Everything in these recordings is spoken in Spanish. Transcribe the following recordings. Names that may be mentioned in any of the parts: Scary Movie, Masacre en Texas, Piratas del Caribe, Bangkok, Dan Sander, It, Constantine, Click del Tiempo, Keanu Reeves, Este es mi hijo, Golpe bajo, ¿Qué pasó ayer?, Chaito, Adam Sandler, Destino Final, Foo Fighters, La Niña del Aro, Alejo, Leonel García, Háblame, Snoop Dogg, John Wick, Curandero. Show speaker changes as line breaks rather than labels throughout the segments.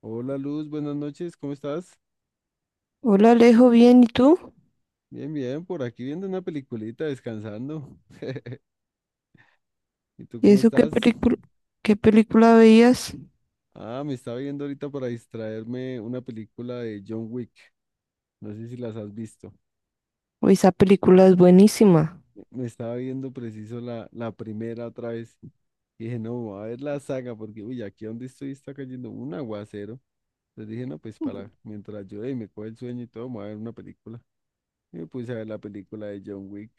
Hola Luz, buenas noches, ¿cómo estás?
Hola Alejo, bien, ¿y tú?
Bien, bien, por aquí viendo una peliculita, descansando. ¿Y tú
¿Y
cómo
eso qué
estás?
película, qué película veías?
Ah, me estaba viendo ahorita para distraerme una película de John Wick, no sé si las has visto.
Uy, esa película es buenísima.
Me estaba viendo preciso la primera otra vez. Y dije, no, voy a ver la saga, porque uy, aquí donde estoy está cayendo un aguacero. Entonces dije, no, pues para, mientras yo y me coge el sueño y todo, me voy a ver una película. Y me puse a ver la película de John Wick,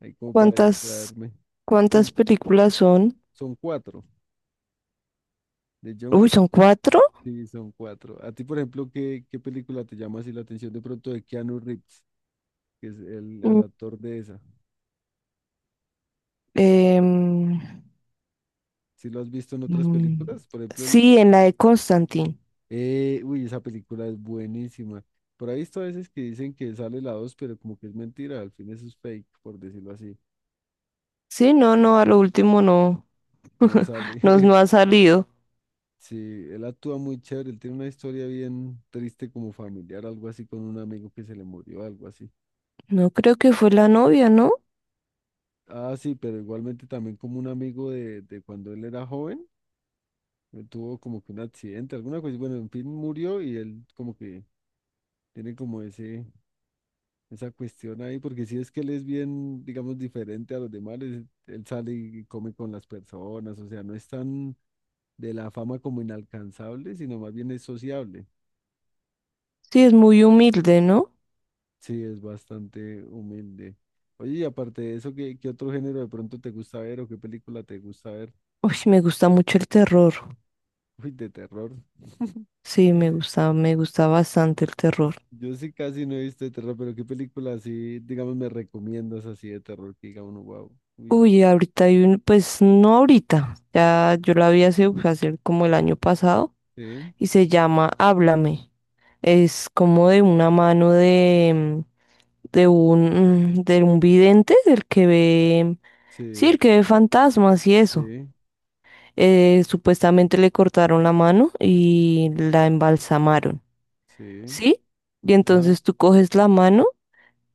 ahí como para
¿Cuántas,
distraerme.
cuántas
Son,
películas son?
son cuatro. De John
Uy,
Wick,
¿son cuatro?
sí, son cuatro. A ti, por ejemplo, ¿qué película te llama así la atención de pronto de Keanu Reeves, que es el
Mm.
actor de esa?
Em,
¿Sí lo has visto en otras
mm,
películas? Por ejemplo,
sí, en la de Constantine.
uy, esa película es buenísima. Por ahí he visto a veces que dicen que sale la dos, pero como que es mentira, al fin eso es fake, por decirlo así.
Sí, no, no, a lo último no,
No
no,
sale.
no ha salido.
Sí, él actúa muy chévere, él tiene una historia bien triste como familiar, algo así con un amigo que se le murió, algo así.
No creo que fue la novia, ¿no?
Ah, sí, pero igualmente también como un amigo de cuando él era joven tuvo como que un accidente, alguna cosa, bueno, en fin, murió y él como que tiene como esa cuestión ahí, porque si es que él es bien, digamos, diferente a los demás, él sale y come con las personas, o sea, no es tan de la fama como inalcanzable, sino más bien es sociable.
Sí, es muy humilde, ¿no?
Sí, es bastante humilde. Oye, y aparte de eso, ¿qué otro género de pronto te gusta ver o qué película te gusta ver?
Uy, me gusta mucho el terror.
Uy, de terror.
Sí, me gusta bastante el terror.
Yo sí casi no he visto de terror, pero qué película así, digamos, me recomiendas así de terror que diga uno, wow. Uy,
Uy, ahorita hay un, pues no ahorita, ya yo la vi hace como el año pasado
sí,
y se llama Háblame. Es como de una mano de un vidente, del que ve, sí,
sí,
el que ve fantasmas y eso.
sí,
Supuestamente le cortaron la mano y la embalsamaron,
sí,
¿sí? Y
ajá.
entonces tú coges la mano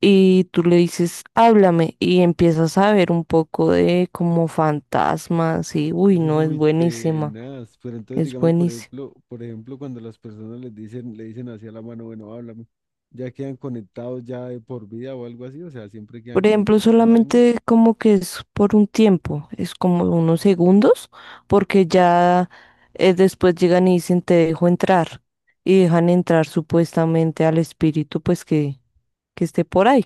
y tú le dices, háblame, y empiezas a ver un poco de como fantasmas y, uy, no, es
Uy,
buenísima,
tenaz. Pero entonces,
es
digamos, por
buenísima.
ejemplo, por ejemplo, cuando las personas les dicen, le dicen así a la mano, bueno, háblame, ya quedan conectados ya de por vida o algo así, o sea, siempre quedan
Por
como
ejemplo,
con esa vaina.
solamente como que es por un tiempo, es como unos segundos, porque ya después llegan y dicen, te dejo entrar, y dejan entrar supuestamente al espíritu, pues que esté por ahí.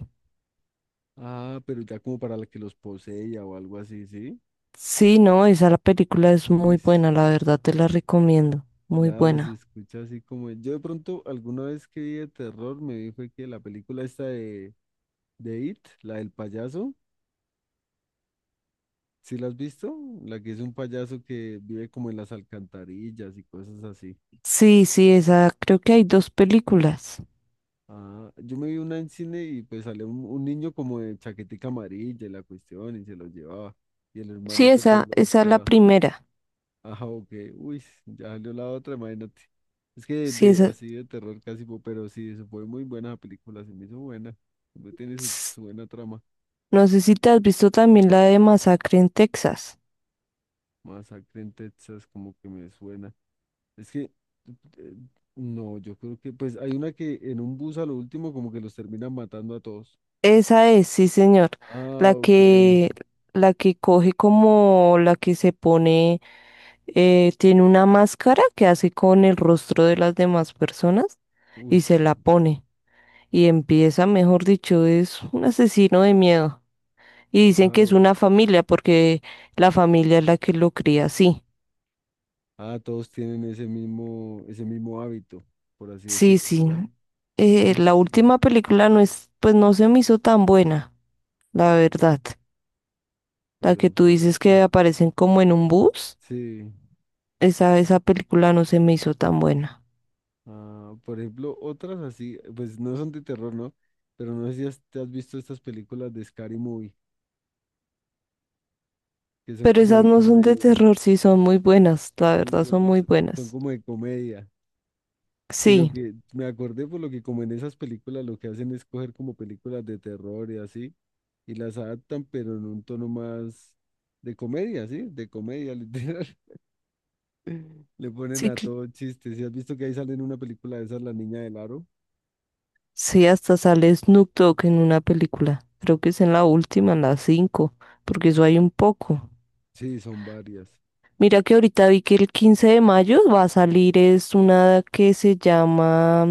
Ah, pero ya como para la que los posea o algo así, ¿sí?
Sí, no, esa la película es muy
Uy,
buena, la verdad te la recomiendo, muy
claro, se
buena.
escucha así como... Yo de pronto alguna vez que vi de terror me dijo que la película esta de It, la del payaso, ¿sí la has visto? La que es un payaso que vive como en las alcantarillas y cosas así.
Sí, sí, esa, creo que hay dos películas.
Ah, yo me vi una en cine y pues salió un niño como de chaquetica amarilla y la cuestión y se lo llevaba y el
Sí,
hermanito pues
esa,
lo
esa es la
buscaba.
primera.
Ajá, ok. Uy, ya salió la otra, imagínate. Es que
Sí, esa.
así de terror casi, pero sí, eso fue muy buena la película, se me hizo buena. Siempre tiene
ts-
su buena trama.
No sé si te has visto también la de Masacre en Texas.
Masacre en Texas, como que me suena. Es que, eh, no, yo creo que, pues hay una que en un bus a lo último como que los terminan matando a todos.
Esa es, sí, señor.
Ah,
La
ok.
que, la que coge como la que se pone, tiene una máscara que hace con el rostro de las demás personas
Uy,
y se la pone. Y empieza, mejor dicho, es un asesino de miedo. Y dicen que es
wow.
una familia porque la familia es la que lo cría así.
Ah, todos tienen ese mismo hábito, por así
Sí,
decirlo,
sí.
¿será? Uy,
La última película no es, pues no se me hizo tan buena, la verdad. La que
pero
tú dices
fuerte.
que aparecen como en un bus,
Sí.
esa película no se me hizo tan buena.
Ah, por ejemplo, otras así, pues no son de terror, ¿no? Pero no sé si te has visto estas películas de Scary Movie, que son
Pero
como de
esas no son de
comedia.
terror, sí son muy buenas, la
Sí,
verdad
sí,
son muy
Son
buenas.
como de comedia. Sino
Sí,
que me acordé por lo que como en esas películas lo que hacen es coger como películas de terror y así, y las adaptan, pero en un tono más de comedia, ¿sí? De comedia, literal. Le ponen
sí,
a todo chistes. ¿Sí has visto que ahí sale en una película de esas, La Niña del Aro?
sí, hasta sale Snoop Dogg en una película. Creo que es en la última, en la 5, porque eso hay un poco.
Sí, son varias.
Mira que ahorita vi que el 15 de mayo va a salir es una que se llama,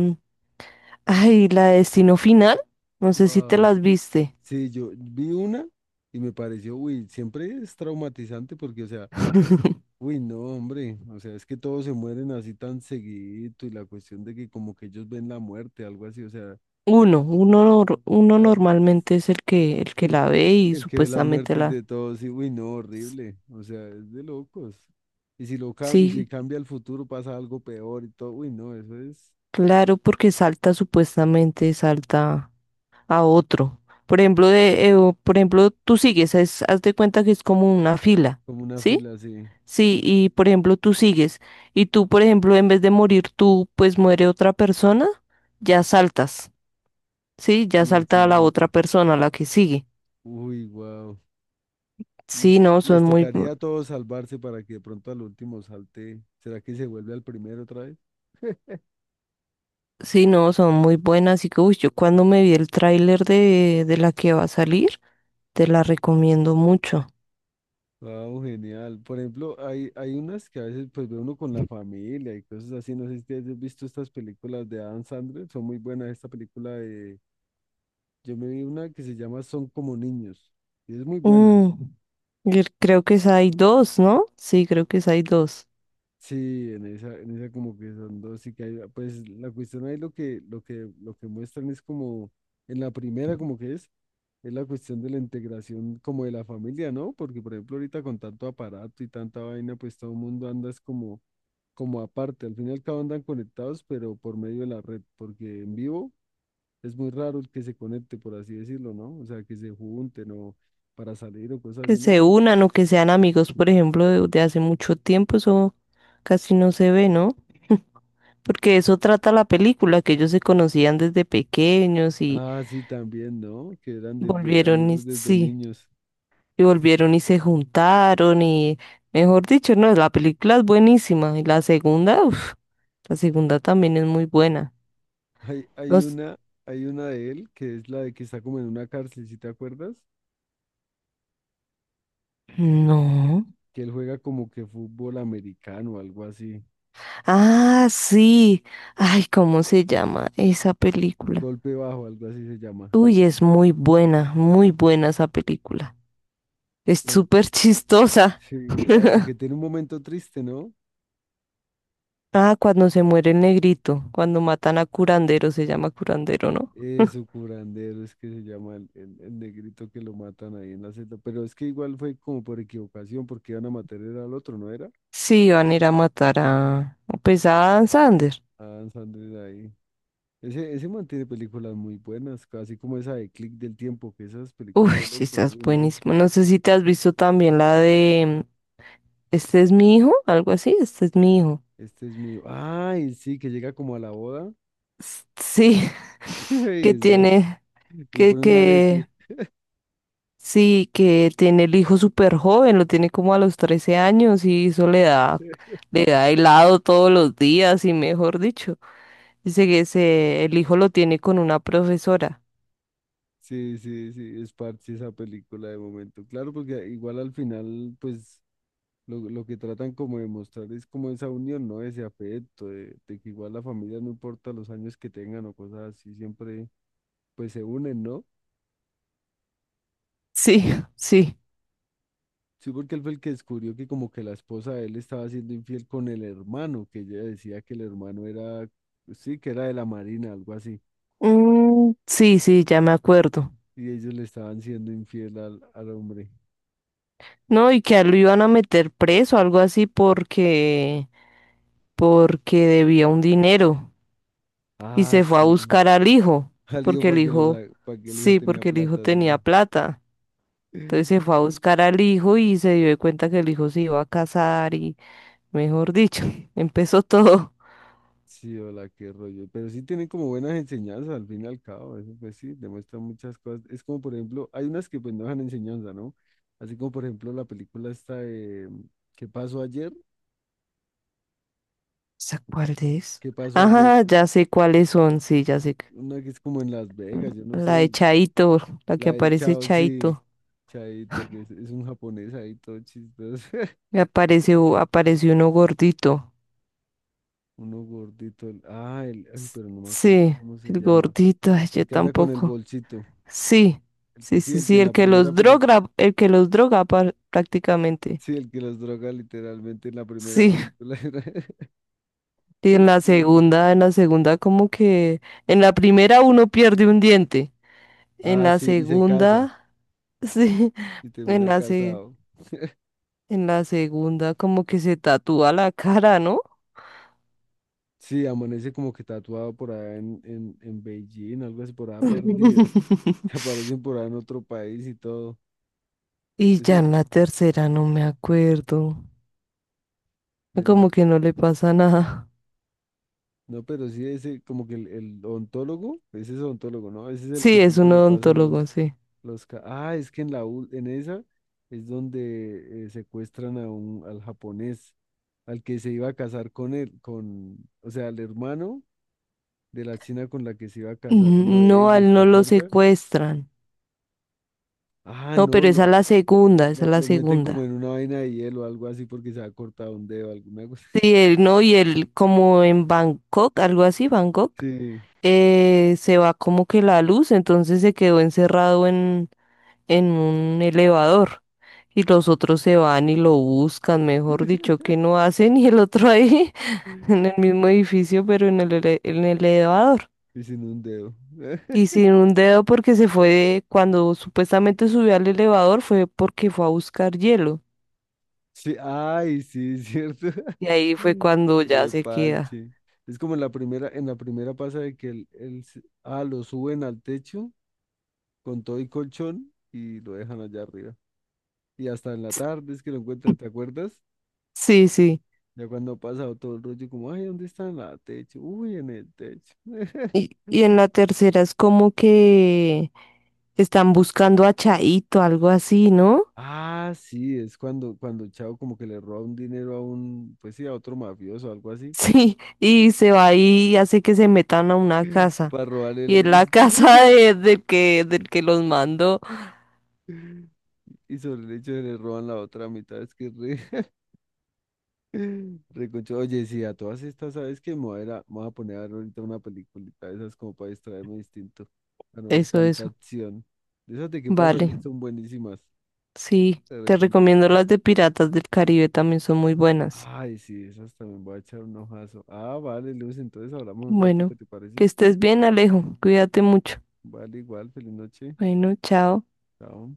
ay, la de Destino Final, no sé si te
Wow.
las viste.
Sí, yo vi una y me pareció, uy, siempre es traumatizante porque, o sea, uy, no, hombre, o sea, es que todos se mueren así tan seguidito y la cuestión de que como que ellos ven la muerte, algo así, o sea,
Uno, uno, nor- uno
ah,
normalmente es el que
el,
la ve y
el que ve las
supuestamente
muertes
la...
de todos, y uy, no, horrible, o sea, es de locos. Y si lo y si
Sí,
cambia el futuro pasa algo peor y todo, uy, no, eso es
claro, porque salta supuestamente, salta a otro. Por ejemplo, tú sigues, haz de cuenta que es como una fila,
como una
¿sí?
fila así.
Sí, y por ejemplo, tú sigues, y tú, por ejemplo, en vez de morir tú, pues muere otra persona, ya saltas, ¿sí? Ya
Y el
salta a la otra
siguiente,
persona, a la que sigue.
uy, wow. Y
Sí, no,
les
son muy,
tocaría
bu-
a todos salvarse para que de pronto al último salte. ¿Será que se vuelve al primero otra vez?
sí, no, son muy buenas. Y que, uy, yo cuando me vi el tráiler de la que va a salir, te la recomiendo mucho.
Wow, genial. Por ejemplo, hay unas que a veces pues ve uno con la familia y cosas así. No sé si ustedes han visto estas películas de Adam Sandler, son muy buenas. Esta película de, yo me vi una que se llama Son como niños y es muy buena.
Mm, y creo que esa hay dos, ¿no? Sí, creo que esa hay dos.
Sí, en esa como que son dos y que hay, pues la cuestión ahí lo que, lo que muestran es como en la primera como que es. Es la cuestión de la integración como de la familia, ¿no? Porque, por ejemplo, ahorita con tanto aparato y tanta vaina, pues todo el mundo anda es como aparte. Al fin y al cabo andan conectados, pero por medio de la red, porque en vivo es muy raro el que se conecte, por así decirlo, ¿no? O sea, que se junten o para salir o cosas
Que
así
se
nomás.
unan o que sean amigos, por ejemplo, de hace mucho tiempo, eso casi no se ve, ¿no? Porque eso trata la película, que ellos se conocían desde pequeños y
Ah, sí, también, ¿no? Que eran desde
volvieron, y,
amigos desde
sí.
niños.
Y volvieron y se juntaron y, mejor dicho, no, la película es buenísima. Y la segunda también es muy buena.
Hay, hay
Los...
una, hay una de él que es la de que está como en una cárcel, ¿si te acuerdas?
No.
Que él juega como que fútbol americano o algo así.
Ah, sí. Ay, ¿cómo se llama esa película?
Golpe bajo, algo así se llama.
Uy, es muy buena esa película. Es
Bueno,
súper chistosa.
sí, aunque tiene un momento triste, ¿no?
Ah, cuando se muere el negrito, cuando matan a Curandero, se llama Curandero, ¿no?
Eso, curandero, es que se llama el negrito que lo matan ahí en la celda. Pero es que igual fue como por equivocación, porque iban a matar era al otro, ¿no era?
Sí, van a ir a matar pues a Dan Sander.
A Adam Sandler ahí. Ese man tiene películas muy buenas, así como esa de Click del Tiempo, que esas películas
Uy,
de
sí,
locos,
estás
uy, no.
buenísimo. No sé si te has visto también la de Este es mi hijo, algo así, este es mi hijo.
Este es mío. Ay, sí, que llega como a la boda
Sí,
y,
que tiene,
y le
que,
pone un
que,
arete.
sí, que tiene el hijo súper joven, lo tiene como a los 13 años y eso le da, le da helado todos los días y mejor dicho. Dice que ese, el hijo lo tiene con una profesora.
Sí, sí, sí, es parte esa película de momento. Claro, porque igual al final, pues lo que tratan como de mostrar es como esa unión, ¿no? Ese afecto, de que igual la familia no importa los años que tengan o cosas así, siempre pues se unen, ¿no?
Sí, sí.
Sí, porque él fue el que descubrió que como que la esposa de él estaba siendo infiel con el hermano, que ella decía que el hermano era, sí, que era de la marina, algo así,
Mm, sí, sí, ya me acuerdo.
y ellos le estaban siendo infiel al hombre.
No, y que a él lo iban a meter preso, algo así, porque debía un dinero. Y
Ah,
se fue a
sí.
buscar al hijo,
Al hijo
porque el
para que, los,
hijo,
para que el hijo
sí,
tenía
porque el hijo
plata,
tenía
sí.
plata. Entonces se fue a buscar al hijo y se dio de cuenta que el hijo se iba a casar y, mejor dicho, empezó todo.
Sí, hola, qué rollo. Pero sí tienen como buenas enseñanzas al fin y al cabo. Eso pues sí, demuestra muchas cosas. Es como, por ejemplo, hay unas que pues no dejan enseñanza, ¿no? Así como, por ejemplo, la película esta de ¿Qué pasó ayer?
¿Esa cuál es?
¿Qué pasó ayer?
Ajá, ya sé cuáles son, sí, ya sé.
Una que es como en Las Vegas, yo no
La
sé.
de Chaito, la
La
que
de
aparece
Chao, sí.
Chaito.
Chaito, que es un japonés ahí todo chistoso.
Y aparece uno gordito.
Uno gordito. Ah, el, ay, pero no me acuerdo
Sí,
cómo se
el
llama.
gordito, ay,
El
yo
que anda con el
tampoco.
bolsito.
Sí,
El que
sí,
sí,
sí,
el que
sí,
en la primera película.
el que los droga prácticamente.
Sí, el que los droga literalmente en la primera
Sí,
película era
y en la
ese, güey.
segunda, en la segunda como que, en la primera uno pierde un diente, en
Ah,
la
sí, y se casa,
segunda, sí,
y
en
termina
la se-
casado.
en la segunda como que se tatúa la cara, ¿no?
Sí, amanece como que tatuado por allá en Beijing, algo así, por allá perdido. Que aparecen por allá en otro país y todo.
Y ya
Ese,
en la tercera no me acuerdo,
en la-
como que no le pasa nada.
no, pero sí, ese como que el ontólogo, ese es ontólogo, ¿no? Ese es el que
Sí, es
siempre
un
le pasan
odontólogo, sí.
los... Ah, es que en la, en esa es donde secuestran a un, al japonés. Al que se iba a casar con él, con, o sea, al hermano de la china con la que se iba a casar uno de
No, a
ellos,
él
¿te
no lo
acuerdas?
secuestran.
Ah,
No,
no,
pero esa es la segunda, esa es la
lo meten como
segunda.
en una vaina de hielo o algo así porque se ha cortado un dedo, alguna cosa.
Sí, él no, y él como en Bangkok, algo así, Bangkok,
Sí,
se va como que la luz, entonces se quedó encerrado en un elevador. Y los otros se van y lo buscan, mejor dicho, que no hacen, y el otro ahí en el mismo edificio, pero en el elevador.
y sin un dedo.
Y sin un dedo porque se fue, cuando supuestamente subió al elevador fue porque fue a buscar hielo.
Sí, ay, sí, es cierto.
Y ahí fue cuando ya
Qué
se queda.
parche. Es como en la primera pasa de que ah, lo suben al techo con todo y colchón y lo dejan allá arriba. Y hasta en la tarde es que lo encuentran, ¿te acuerdas?
Sí, sí.
Ya cuando ha pasado todo el rollo, como, ay, ¿dónde está en la techo? Uy, en el techo.
Y en la tercera es como que están buscando a Chaito, algo así, ¿no?
Ah, sí, es cuando, cuando el chavo como que le roba un dinero a un, pues sí, a otro mafioso o algo así,
Sí, y se va ahí y hace que se metan a una casa.
para robarle el
Y es la
resto.
casa del que los mandó.
Y sobre el hecho de le roban la otra mitad, es que re, re Oye, sí, a todas estas, ¿sabes qué? Me voy a, me voy a poner a ver ahorita una peliculita de esas como para distraerme distinto, para no ver
Eso,
tanta
eso.
acción. De esas de qué pasó ayer
Vale.
son buenísimas,
Sí,
te
te recomiendo
recomiendo.
las de Piratas del Caribe, también son muy buenas.
Ay, sí, esas también voy a echar un ojazo. Ah, vale, Luz, entonces hablamos un ratico,
Bueno,
¿te
que
parece?
estés bien, Alejo. Cuídate mucho.
Vale, igual, feliz noche.
Bueno, chao.
Chao.